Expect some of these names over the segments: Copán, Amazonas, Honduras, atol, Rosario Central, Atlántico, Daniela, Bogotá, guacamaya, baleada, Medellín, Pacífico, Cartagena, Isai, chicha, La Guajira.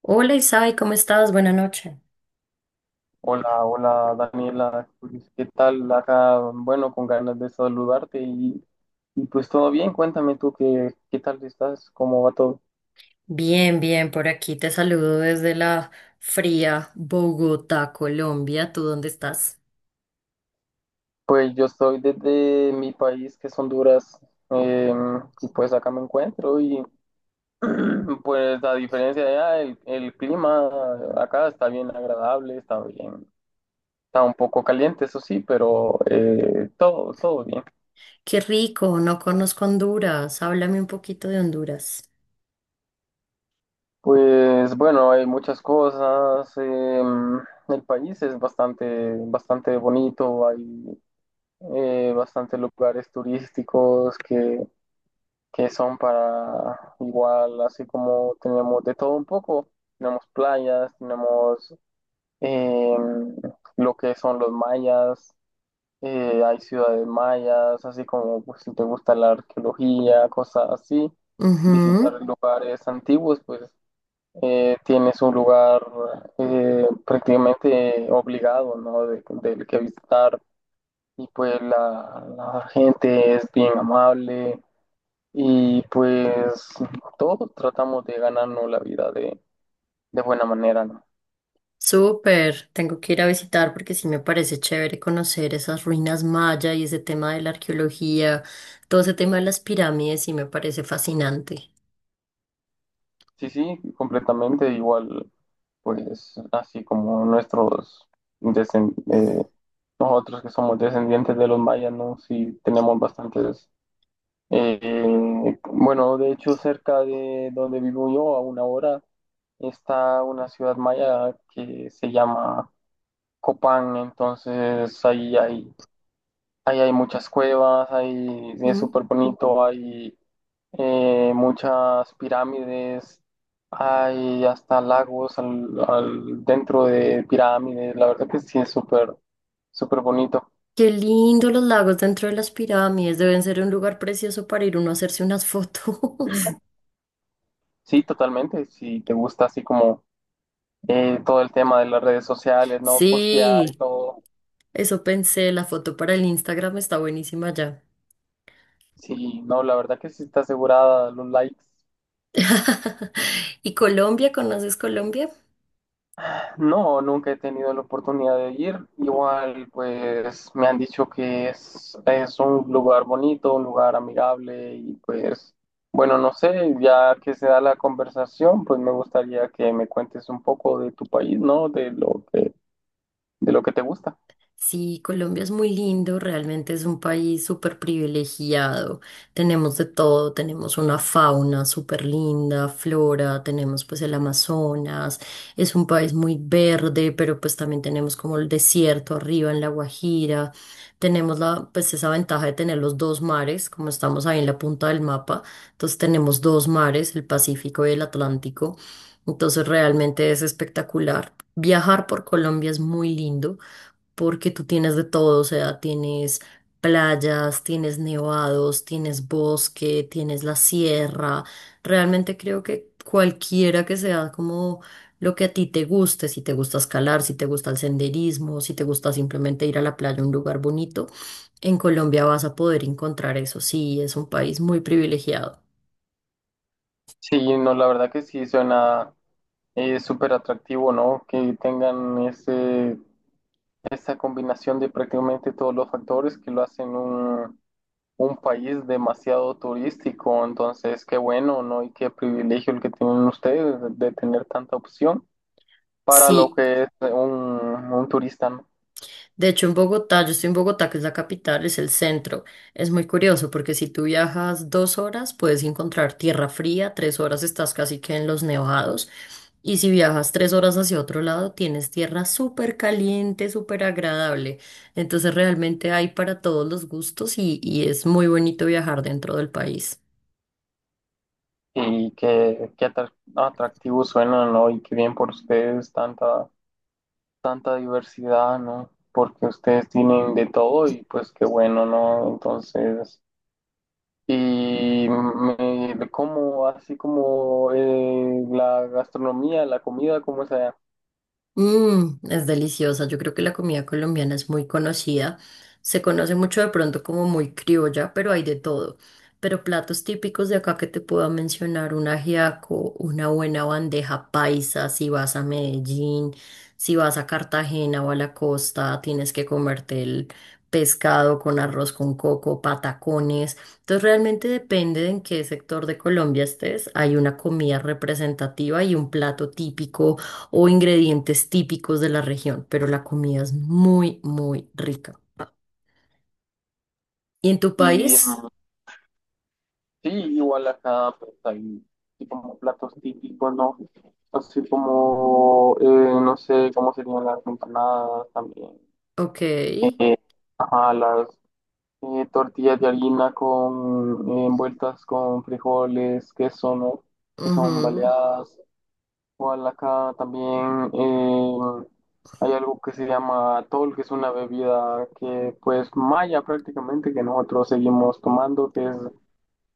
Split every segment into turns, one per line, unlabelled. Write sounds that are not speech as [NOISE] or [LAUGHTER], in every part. Hola Isai, ¿cómo estás? Buenas noches.
Hola, hola Daniela, pues, ¿qué tal? Acá, bueno, con ganas de saludarte y pues todo bien, cuéntame tú qué tal estás, cómo va todo.
Bien, bien, por aquí te saludo desde la fría Bogotá, Colombia. ¿Tú dónde estás?
Pues yo estoy desde mi país, que es Honduras, eh, y pues acá me encuentro y [CLEARS THROAT] pues a diferencia de allá, el clima acá está bien agradable, está bien, está un poco caliente, eso sí, pero todo bien.
Qué rico, no conozco Honduras. Háblame un poquito de Honduras.
Pues bueno, hay muchas cosas. El país es bastante bonito. Hay bastantes lugares turísticos que son para igual, así como tenemos de todo un poco. Tenemos playas, tenemos em, lo que son los mayas. Hay ciudades mayas, así como pues, si te gusta la arqueología, cosas así. Visitar
Ujú,
lugares antiguos, pues tienes un lugar prácticamente obligado, ¿no? Del que visitar y pues la gente es bien amable y pues todos tratamos de ganarnos la vida de buena manera, ¿no?
súper. Tengo que ir a visitar porque sí me parece chévere conocer esas ruinas maya y ese tema de la arqueología, todo ese tema de las pirámides, sí me parece fascinante.
Sí, sí, completamente igual, pues así como nuestros descen- eh, nosotros que somos descendientes de los mayas, ¿no? Sí, tenemos bastantes. Bueno, de hecho, cerca de donde vivo yo, a una hora, está una ciudad maya que se llama Copán. Entonces, ahí hay muchas cuevas, ahí es súper bonito, hay muchas pirámides, hay hasta lagos dentro de pirámides. La verdad que sí es súper bonito.
Qué lindo los lagos dentro de las pirámides. Deben ser un lugar precioso para ir uno a hacerse unas fotos. [LAUGHS]
Sí, totalmente. Si te gusta así como todo el tema de las redes sociales, no postear y
Sí,
todo.
eso pensé. La foto para el Instagram está buenísima ya.
Sí, no, la verdad que sí está asegurada los likes.
[LAUGHS] ¿Y Colombia? ¿Conoces Colombia?
No, nunca he tenido la oportunidad de ir. Igual, pues me han dicho que es un lugar bonito, un lugar amigable y pues, bueno, no sé, ya que se da la conversación, pues me gustaría que me cuentes un poco de tu país, ¿no? De lo que te gusta.
Sí, Colombia es muy lindo, realmente es un país súper privilegiado. Tenemos de todo, tenemos una fauna súper linda, flora, tenemos pues el Amazonas, es un país muy verde, pero pues también tenemos como el desierto arriba en La Guajira. Tenemos la, pues esa ventaja de tener los dos mares, como estamos ahí en la punta del mapa, entonces tenemos dos mares, el Pacífico y el Atlántico. Entonces realmente es espectacular. Viajar por Colombia es muy lindo porque tú tienes de todo, o sea, tienes playas, tienes nevados, tienes bosque, tienes la sierra. Realmente creo que cualquiera que sea como lo que a ti te guste, si te gusta escalar, si te gusta el senderismo, si te gusta simplemente ir a la playa, a un lugar bonito, en Colombia vas a poder encontrar eso. Sí, es un país muy privilegiado.
Sí, no, la verdad que sí suena súper atractivo, ¿no? Que tengan ese esa combinación de prácticamente todos los factores que lo hacen un país demasiado turístico. Entonces, qué bueno, ¿no? Y qué privilegio el que tienen ustedes de tener tanta opción para lo
Sí.
que es un turista, ¿no?
De hecho, en Bogotá, yo estoy en Bogotá, que es la capital, es el centro. Es muy curioso porque si tú viajas dos horas, puedes encontrar tierra fría, tres horas estás casi que en los nevados. Y si viajas tres horas hacia otro lado, tienes tierra súper caliente, súper agradable. Entonces realmente hay para todos los gustos y es muy bonito viajar dentro del país.
Y qué, atractivo suena, ¿no? Y qué bien por ustedes tanta diversidad, ¿no? Porque ustedes tienen de todo y pues qué bueno, ¿no? Entonces... Y me como así como la gastronomía, la comida, como sea.
Mm, es deliciosa. Yo creo que la comida colombiana es muy conocida. Se conoce mucho de pronto como muy criolla, pero hay de todo. Pero platos típicos de acá que te puedo mencionar, un ajiaco, una buena bandeja paisa, si vas a Medellín, si vas a Cartagena o a la costa, tienes que comerte el pescado con arroz con coco, patacones. Entonces realmente depende de en qué sector de Colombia estés. Hay una comida representativa y un plato típico o ingredientes típicos de la región, pero la comida es muy, muy rica. ¿Y en tu
Y
país?
mm, sí, igual acá pues, hay así como platos típicos, ¿no? Así como, no sé, cómo serían las empanadas también.
Ok.
Eh, ajá, las tortillas de harina con envueltas con frijoles, queso, ¿no? Que son
Ujú.
baleadas. Igual acá también hay algo que se llama atol, que es una bebida que pues maya prácticamente que nosotros seguimos tomando,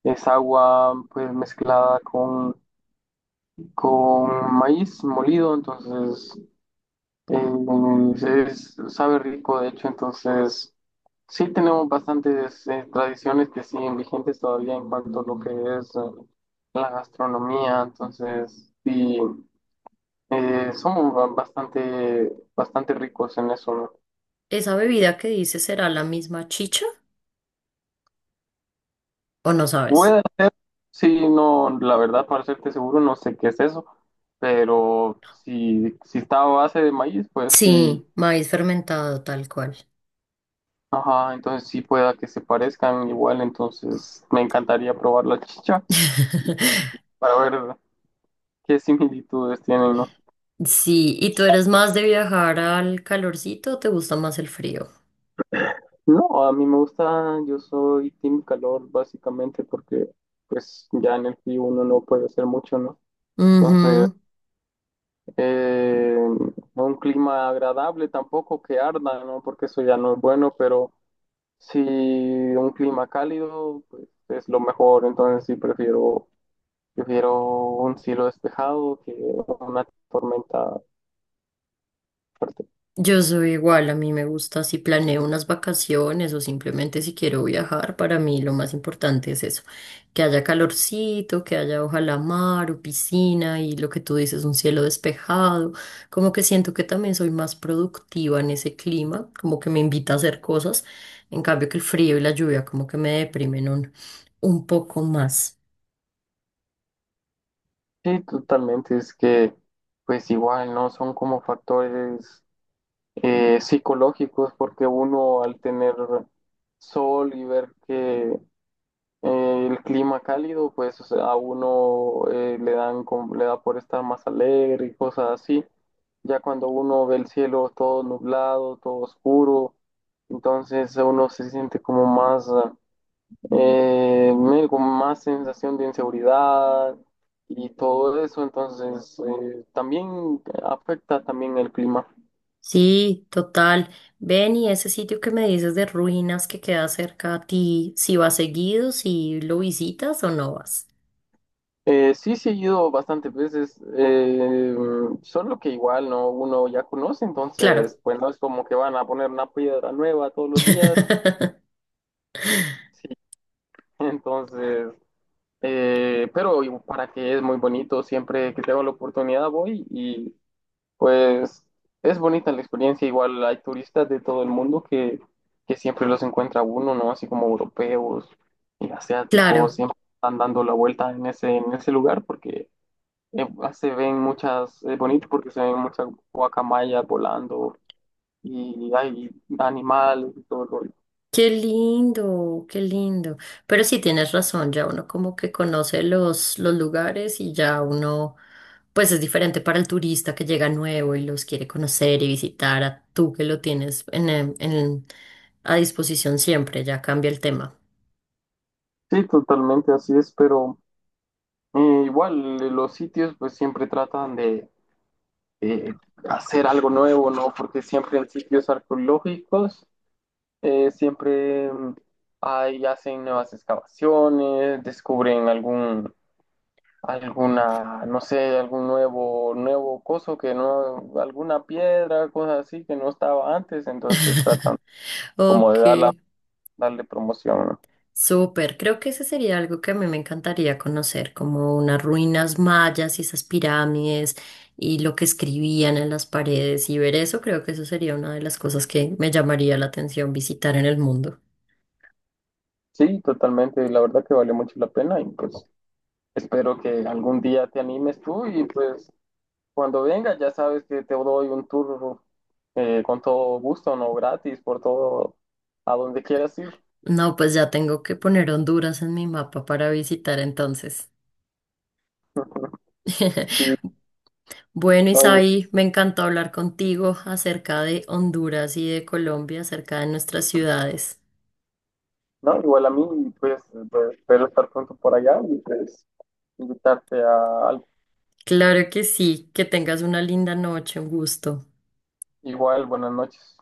es agua pues mezclada con maíz molido, entonces eh, sabe rico de hecho, entonces sí tenemos bastantes tradiciones que siguen vigentes todavía en cuanto a lo que es la gastronomía, entonces sí. Somos bastante ricos en eso, ¿no?
¿Esa bebida que dices será la misma chicha o no sabes?
Puede ser, sí, no, la verdad, para serte seguro, no sé qué es eso, pero si está a base de maíz, pues sí,
Sí, maíz fermentado tal cual.
ajá, entonces sí pueda que se parezcan igual, entonces me encantaría probar la chicha y
[LAUGHS]
para ver qué similitudes tienen, ¿no?
Sí, ¿y tú eres más de viajar al calorcito o te gusta más el frío?
No, a mí me gusta, yo soy team calor básicamente porque pues ya en el frío uno no puede hacer mucho, ¿no? Entonces...
Ujú.
Eh, no, un clima agradable tampoco que arda, ¿no? Porque eso ya no es bueno, pero si un clima cálido, pues es lo mejor. Entonces sí prefiero un cielo despejado que una tormenta fuerte.
Yo soy igual, a mí me gusta si planeo unas vacaciones o simplemente si quiero viajar, para mí lo más importante es eso, que haya calorcito, que haya ojalá mar o piscina y lo que tú dices, un cielo despejado, como que siento que también soy más productiva en ese clima, como que me invita a hacer cosas, en cambio que el frío y la lluvia como que me deprimen un poco más.
Sí, totalmente. Es que, pues igual, ¿no? Son como factores psicológicos, porque uno al tener sol y ver que el clima cálido, pues o sea, a uno le da por estar más alegre y cosas así. Ya cuando uno ve el cielo todo nublado, todo oscuro, entonces uno se siente como más, con más sensación de inseguridad y todo eso, entonces también afecta también el clima.
Sí, total. Ven y ese sitio que me dices de ruinas que queda cerca a ti, si vas seguido, si lo visitas o no vas.
Sí, sí he ido bastantes veces, solo que igual no uno ya conoce,
Claro,
entonces pues no es como que van a poner una piedra nueva todos los días,
[LAUGHS]
sí, [LAUGHS] entonces, pero para que es muy bonito, siempre que tengo la oportunidad voy y pues es bonita la experiencia, igual hay turistas de todo el mundo que siempre los encuentra uno, ¿no? Así como europeos y asiáticos,
claro.
siempre están dando la vuelta en ese lugar porque... Eh, Se ven bonitos porque se ven muchas guacamayas volando y hay animales y todo el rollo.
Qué lindo, qué lindo. Pero sí tienes razón, ya uno como que conoce los lugares y ya uno, pues es diferente para el turista que llega nuevo y los quiere conocer y visitar a tú que lo tienes a disposición siempre, ya cambia el tema.
Sí, totalmente así es, pero igual los sitios pues siempre tratan de, eh, hacer algo nuevo, ¿no? Porque siempre en sitios arqueológicos siempre hacen nuevas excavaciones, descubren algún alguna, no sé, algún nuevo coso que no, alguna piedra, cosas así que no estaba antes, entonces tratan como
Ok.
darle promoción, ¿no?
Súper, creo que ese sería algo que a mí me encantaría conocer, como unas ruinas mayas y esas pirámides y lo que escribían en las paredes y ver eso, creo que eso sería una de las cosas que me llamaría la atención visitar en el mundo.
Sí, totalmente, la verdad que valió mucho la pena y pues espero que algún día te animes tú y pues cuando vengas ya sabes que te doy un tour con todo gusto, no gratis, por todo, a donde quieras ir.
No, pues ya tengo que poner Honduras en mi mapa para visitar entonces.
[LAUGHS] Sí,
[LAUGHS] Bueno,
no,
Isaí, me encantó hablar contigo acerca de Honduras y de Colombia, acerca de nuestras ciudades.
no, igual a mí, pues, pues, espero estar pronto por allá y pues invitarte a algo.
Claro que sí, que tengas una linda noche, un gusto.
Igual, buenas noches.